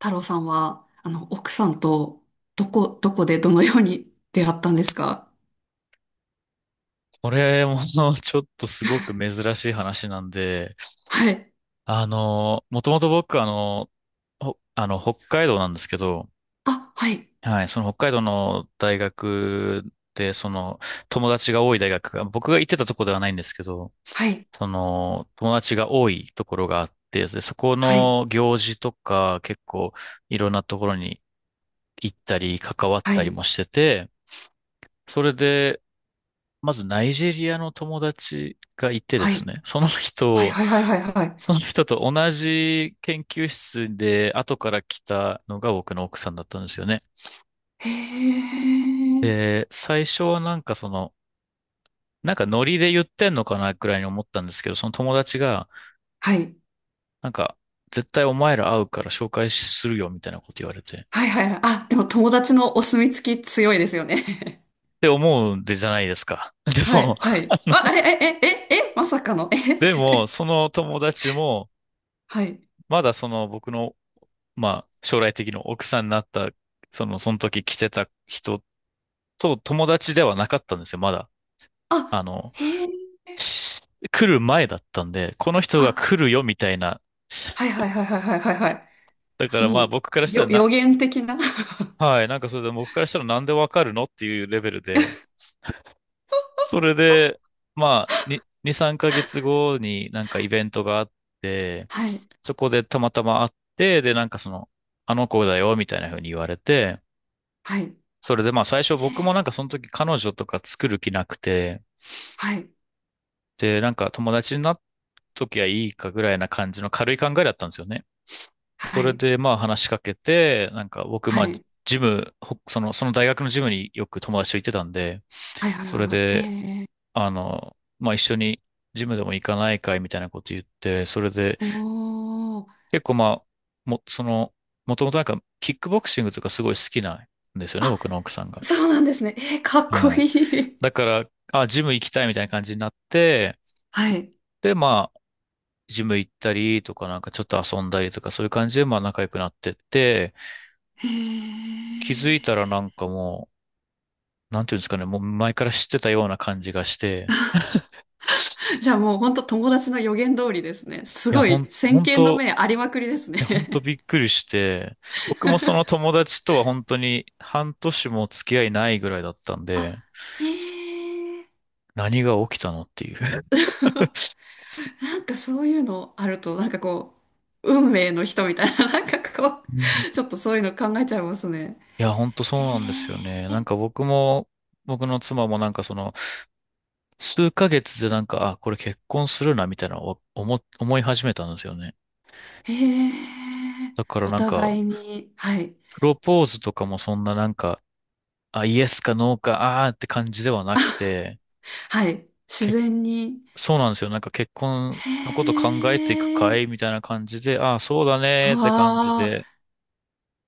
太郎さんは、奥さんと、どこでどのように出会ったんですか？これも ちょっとすごく珍しい話なんで、はい。もともと僕ほあの、北海道なんですけど、あ、はい。はい、その北海道の大学で、友達が多い大学が、僕が行ってたとこではないんですけど、はい。友達が多いところがあって、でそこはい。の行事とか、結構、いろんなところに行ったり、関わっはたりい。もしてて、それで、まずナイジェリアの友達がいてではすい。ね、はい。はい。はい。はい。はい。その人と同じ研究室で後から来たのが僕の奥さんだったんですよね。へー。で、最初はなんかなんかノリで言ってんのかなくらいに思ったんですけど、その友達が、はい。なんか、絶対お前ら会うから紹介するよみたいなこと言われて。っはい。はい。はい。あ、でも友達のお墨付き強いですよね。て思うんでじゃないですか。で はも、い。は あい。の、あ、あれ、え、まさかの、え、でも、その友達も、はい。まだその僕の、まあ、将来的な奥さんになった、その時来てた人と友達ではなかったんですよ、まだ。あ、あの、へー。し来る前だったんで、この人があ、来るよみたいな。しはい。はい。はい。はい。はい。はい。はい。だからもまあう、僕からしたらな、予言的な。はい、なんかそれで僕からしたらなんでわかるのっていうレベルで、それで、まあ、2、3ヶ月後になんかイベントがあって、はい。そこでたまたま会って、でなんかあの子だよみたいな風に言われて、はい。へそれでまあ最初僕もー。なんかその時彼女とか作る気なくて、はい。でなんか友達になっときゃいいかぐらいな感じの軽い考えだったんですよね。そはれい。で、まあ話しかけて、なんか僕、はまあ、い。ジム、ほその、その大学のジムによく友達と行ってたんで、はい。はい。そはい。れはい。で、へえ。まあ一緒にジムでも行かないかいみたいなこと言って、それで、おー。結構まあ、も、その、もともとなんか、キックボクシングとかすごい好きなんですよね、あ、僕の奥さんが。そうなんですね。えー、かっこはい。いい。だから、あ、ジム行きたいみたいな感じになって、はい。で、まあ、ジム行ったりとか、なんかちょっと遊んだりとか、そういう感じで、まあ仲良くなってって、へ気づいたらえ。なんかもう、なんていうんですかね、もう前から知ってたような感じがして、じゃあもう本当友達の予言通りですね。すいや、ごい、先本見の当明ありまくりですね。いや、本当びっ くりして、僕もその友達とは本当に半年も付き合いないぐらいだったんあ、で、へえ。何が起きたのっていう。なんかそういうのあると、運命の人みたいな、なんかこうん。う、ちょっとそういうの考えちゃいますね。いや、本当そへうなんですよね。なんか僕も、僕の妻もなんか数ヶ月でなんか、あ、これ結婚するな、みたいな思い始めたんですよね。え。へえ。だからおなんか、互いに、はい。プロポーズとかもそんななんか、あ、イエスかノーか、って感じではなくて、はい。自結然に。そうなんですよ。なんか結婚へのこと考えていくかいえ。みたいな感じで、ああ、そうだわねーって感じあ。で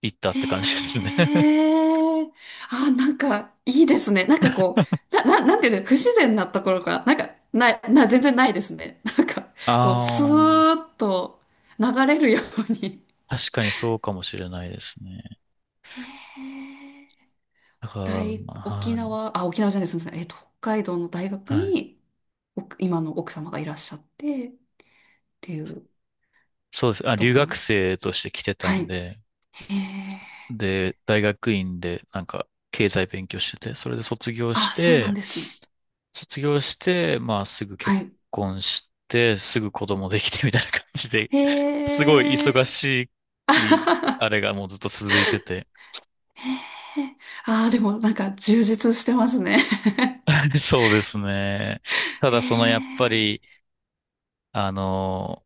行ったって感じですへね。え。あ、なんか、いいですね。なんかこう、なんていうの、不自然なところが、なんか、ない、な、全然ないですね。なんか、こう、あスーッと流れるように。あ、確かにそうかもしれないですね。へえ。だから、はい。沖縄じゃない、すみません。北海道の大学はい。に、今の奥様がいらっしゃって、っていうそうです。あ、と留こ学ろ。生として来てたはんい。で、へえ。で、大学院でなんか経済勉強してて、それで卒業しあ、そうなんて、ですね。まあすぐは結い。婚して、すぐ子供できてみたいな感じでへすごい忙え。し あはい、あは。れがもうずっと続いてて。はへえ。あー、でもなんか充実してますね。そうですね。た へだやっぱえ。り、あの、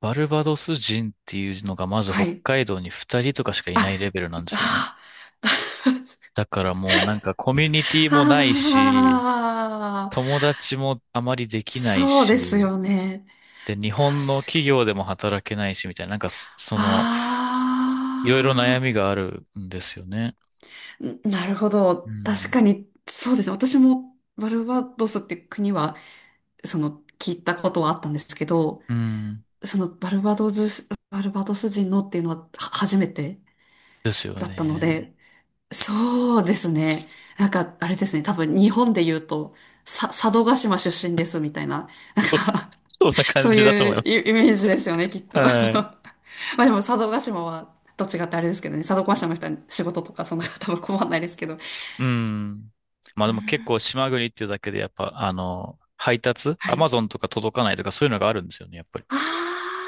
バルバドス人っていうのがまずは北い。海道に二人とかしかいなあ、いレベルなんですよね。あだからもうなんかコミュニティー、もないし、あー、友達もあまりできないそうですし、よね。で、日確本の企か業に。でも働けないしみたいな、なんかあいろいろ悩みがあるんですよね。あ、んなるほうど。確ん。かに、そうですね。私もバルバドスっていう国は、その、聞いたことはあったんですけど、うん。バルバドス人のっていうのはは初めてですよだったのね。で、そうですね。なんか、あれですね。多分日本で言うと、佐渡島出身ですみたいな、そんな 感そうじだと思いいうます。イイメージですよね、きっと。は い。まあでも佐渡島は、と違ってあれですけどね。佐渡島の人は仕事とかそんな多分困んないですけど。うん。まあでも結構島国っていうだけでやっぱ、配達、はアマい。ゾンとか届かないとかそういうのがあるんですよね、やっぱり。あー。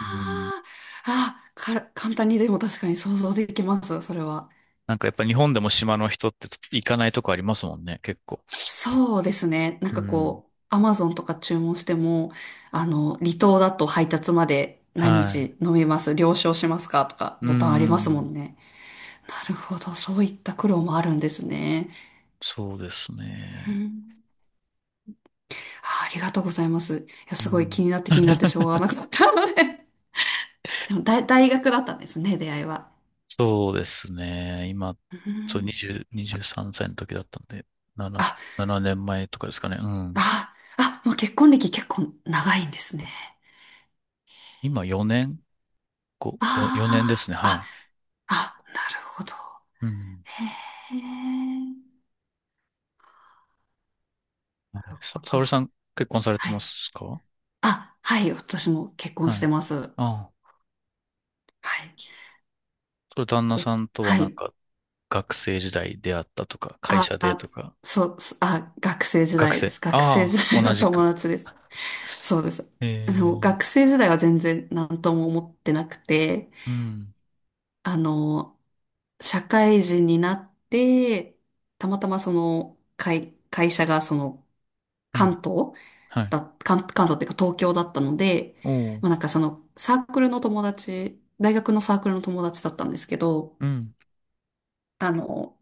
うん。あ、簡単にでも確かに想像できます、それは。なんかやっぱ日本でも島の人って行かないとこありますもんね、結構。そうですね。なんうかん。こう、アマゾンとか注文しても、あの、離島だと配達まで何はい。日飲みます、了承しますかとか、うボタンありますもん。んね。なるほど。そういった苦労もあるんですね。そうですうね。ん。あありがとうございます。いや、うすごい気ん。になって気になってしょうがなかったので。でも大学だったんですね、出会いは。そうですね。今、うそう、ん。20、23歳の時だったんで、7、あ、7年前とかですかね。うん。もう結婚歴結構長いんですね。今4年 ?5、4年ですあね。あ、はい。なるほど。うん。へえ。はい沙そ織う。さん結婚されてはまい。すか？あ、はい。私も結婚しはてい。ます。はああ。い。それ旦那お、さんとははなんい。か学生時代出会ったとか、会あ、社でとあ、か、あ、学生時学代で生。す。学生あ時あ、代同のじく。友達です。そうです。あの、ええ、学生時代は全然何とも思ってなくて、うん、あの、社会人になって、たまたまその、会社がその、うん、関東はい。関東っていうか東京だったので、おう、まあなんかそのサークルの友達、大学のサークルの友達だったんですけど、うん、あの、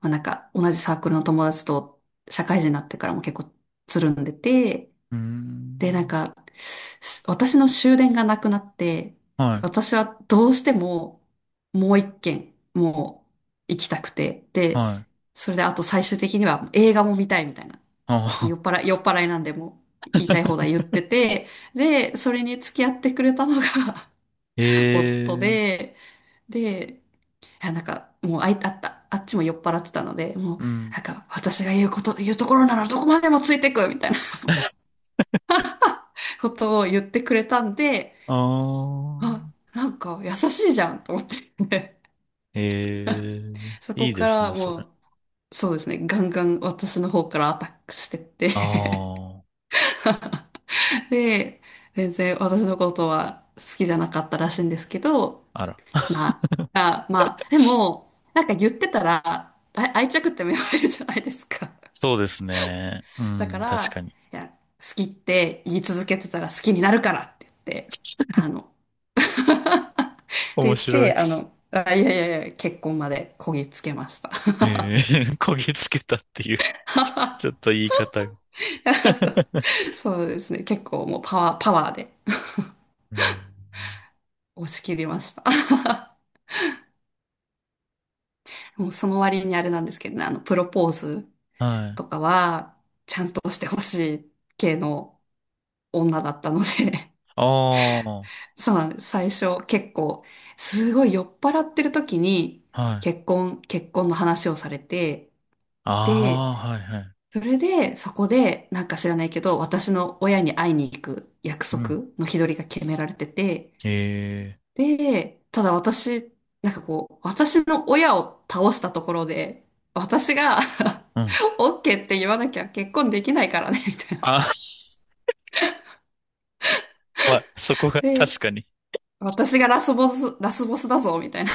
まあなんか同じサークルの友達と社会人になってからも結構つるんでて、うーでなんん。か、私の終電がなくなって、は私はどうしてももう一軒、もう行きたくて、い、で、はい。それであと最終的には映画も見たいみたいな、もうああ、酔っ払いなんでもう言いたい放 題言ってて、で、それに付き合ってくれたのが 夫ええ、で、で、いや、なんか、もうあい、あった、あっちも酔っ払ってたので、もう、うなん。んか、私が言うこと、言うところならどこまでもついてくみたいな ことを言ってくれたんで、ああ、あ、なんか優しいじゃんと思って、 ええ、 そいこいでかすらね、それ。もう、そうですね、ガンガン私の方からアタックしてって、 あ で、全然私のことは好きじゃなかったらしいんですけど、あ、あら。ままあ、でも、なんか言ってたら、あ愛着って芽生えるじゃないですか。そうですね。う だかん、確から、に。いや、好きって言い続けてたら好きになるからって言って、あの、って言面っ白い。て、あの、いやいやいや、結婚までこぎつけました。えー、焦げつけたっていう、ちょっと 言い方が。そうですね、結構もうパワーでうん。押し切りました。もうその割にあれなんですけどね、あの、プロポーズはい。とかは、ちゃんとしてほしい系の女だったので。ああ、そうなんです。最初結構、すごい酔っ払ってる時にはい。結婚の話をされて、で、ああ、はい、はい。それでそこでなんか知らないけど、私の親に会いに行く約う束ん。の日取りが決められてて、ええ、で、ただ私、なんかこう、私の親を倒したところで、私が うん。オッケーって言わなきゃ結婚できないからね、みたいな。あ、まあ、そこが確で、かに。私がラスボスだぞ、みたいな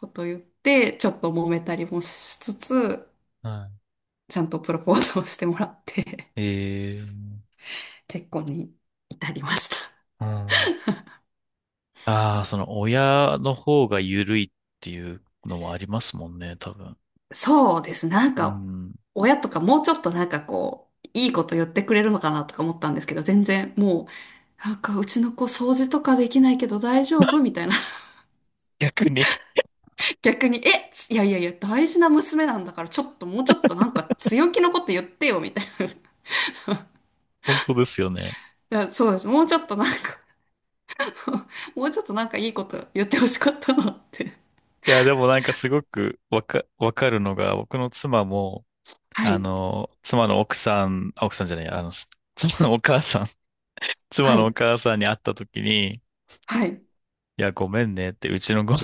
こと言って、ちょっと揉めたりもしつつ、はちゃんとプロポーズをしてもらって、い。ええ、う 結婚に至りました。ん。ああ、その親の方が緩いっていうのはありますもんね、多分。そうです。なんうか、ん。親とかもうちょっとなんかこう、いいこと言ってくれるのかなとか思ったんですけど、全然もう、なんかうちの子掃除とかできないけど大丈夫みたいな。逆に。逆に、え、いやいやいや、大事な娘なんだからちょっともうちょっとなんか強気のこと言ってよみたいな。本当ですよね。いや、そうです。もうちょっとなんか もうちょっとなんかいいこと言ってほしかったなって。いや、でもなんかすごくわかるのが、僕の妻も、はい、妻の奥さん、あ、奥さんじゃない、妻のお母さん、妻はのおい、母さんに会った時に、いはい。や、ごめんねって、うちのご、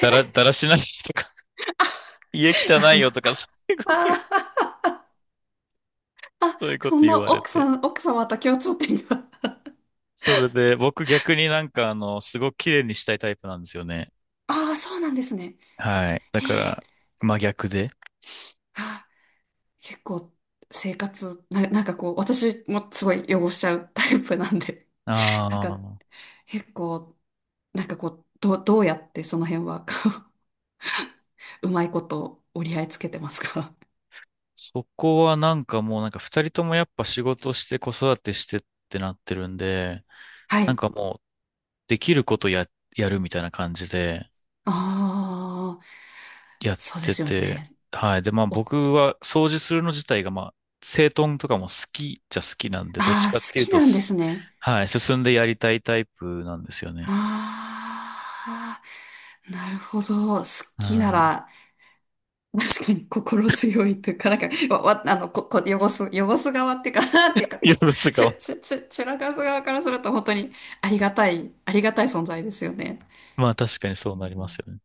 だら、だらしないとか、家あ、汚いよま、とか、そういうこと言う、あー、あ、そういうこそとん言なわれ奥さて。ん、奥様と共通点が。それで、僕逆になんかすごく綺麗にしたいタイプなんですよね。ああ、そうなんですね。はい。だへかえ、ら、真逆で。あー、結構、生活、な、なんかこう、私もすごい汚しちゃうタイプなんで、あ なんか、あ、結構、なんかこう、どうやってその辺は、こう、うまいこと折り合いつけてますか？ そこはなんかもうなんか二人ともやっぱ仕事して子育てしてってなってるんで、はなんい。かもうできることやるみたいな感じでああ、やっそうでてすよて、ね。はい。で、まあお、あ僕は掃除するの自体がまあ、整頓とかも好きなんで、どっちあ、かっ好ていうきとなんですね。はい、進んでやりたいタイプなんですよね。ああ、なるほど。好きなはら、確かに心強いというか、なんか、わ、わあの、こ、こ、汚す、汚す側っていうか、なんていうか、い。いや、こですう、が、ちゅらかす側からすると本当にありがたい存在ですよね。まあ確かにうそうなりまん。すよね。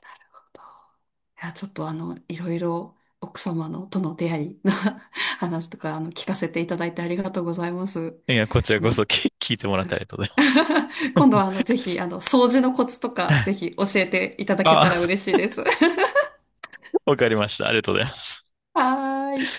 なるほど。いや、ちょっとあの、いろいろ奥様のとの出会いの 話とか、あの、聞かせていただいてありがとうございます。いや、こちらあこその、聞いてもらってありがとうございます。今度はあの、ぜひ、あの、掃除のコツとか、ぜひ教えていただけあ、たら嬉しいです。は わかりました。ありがとうございます。ーい。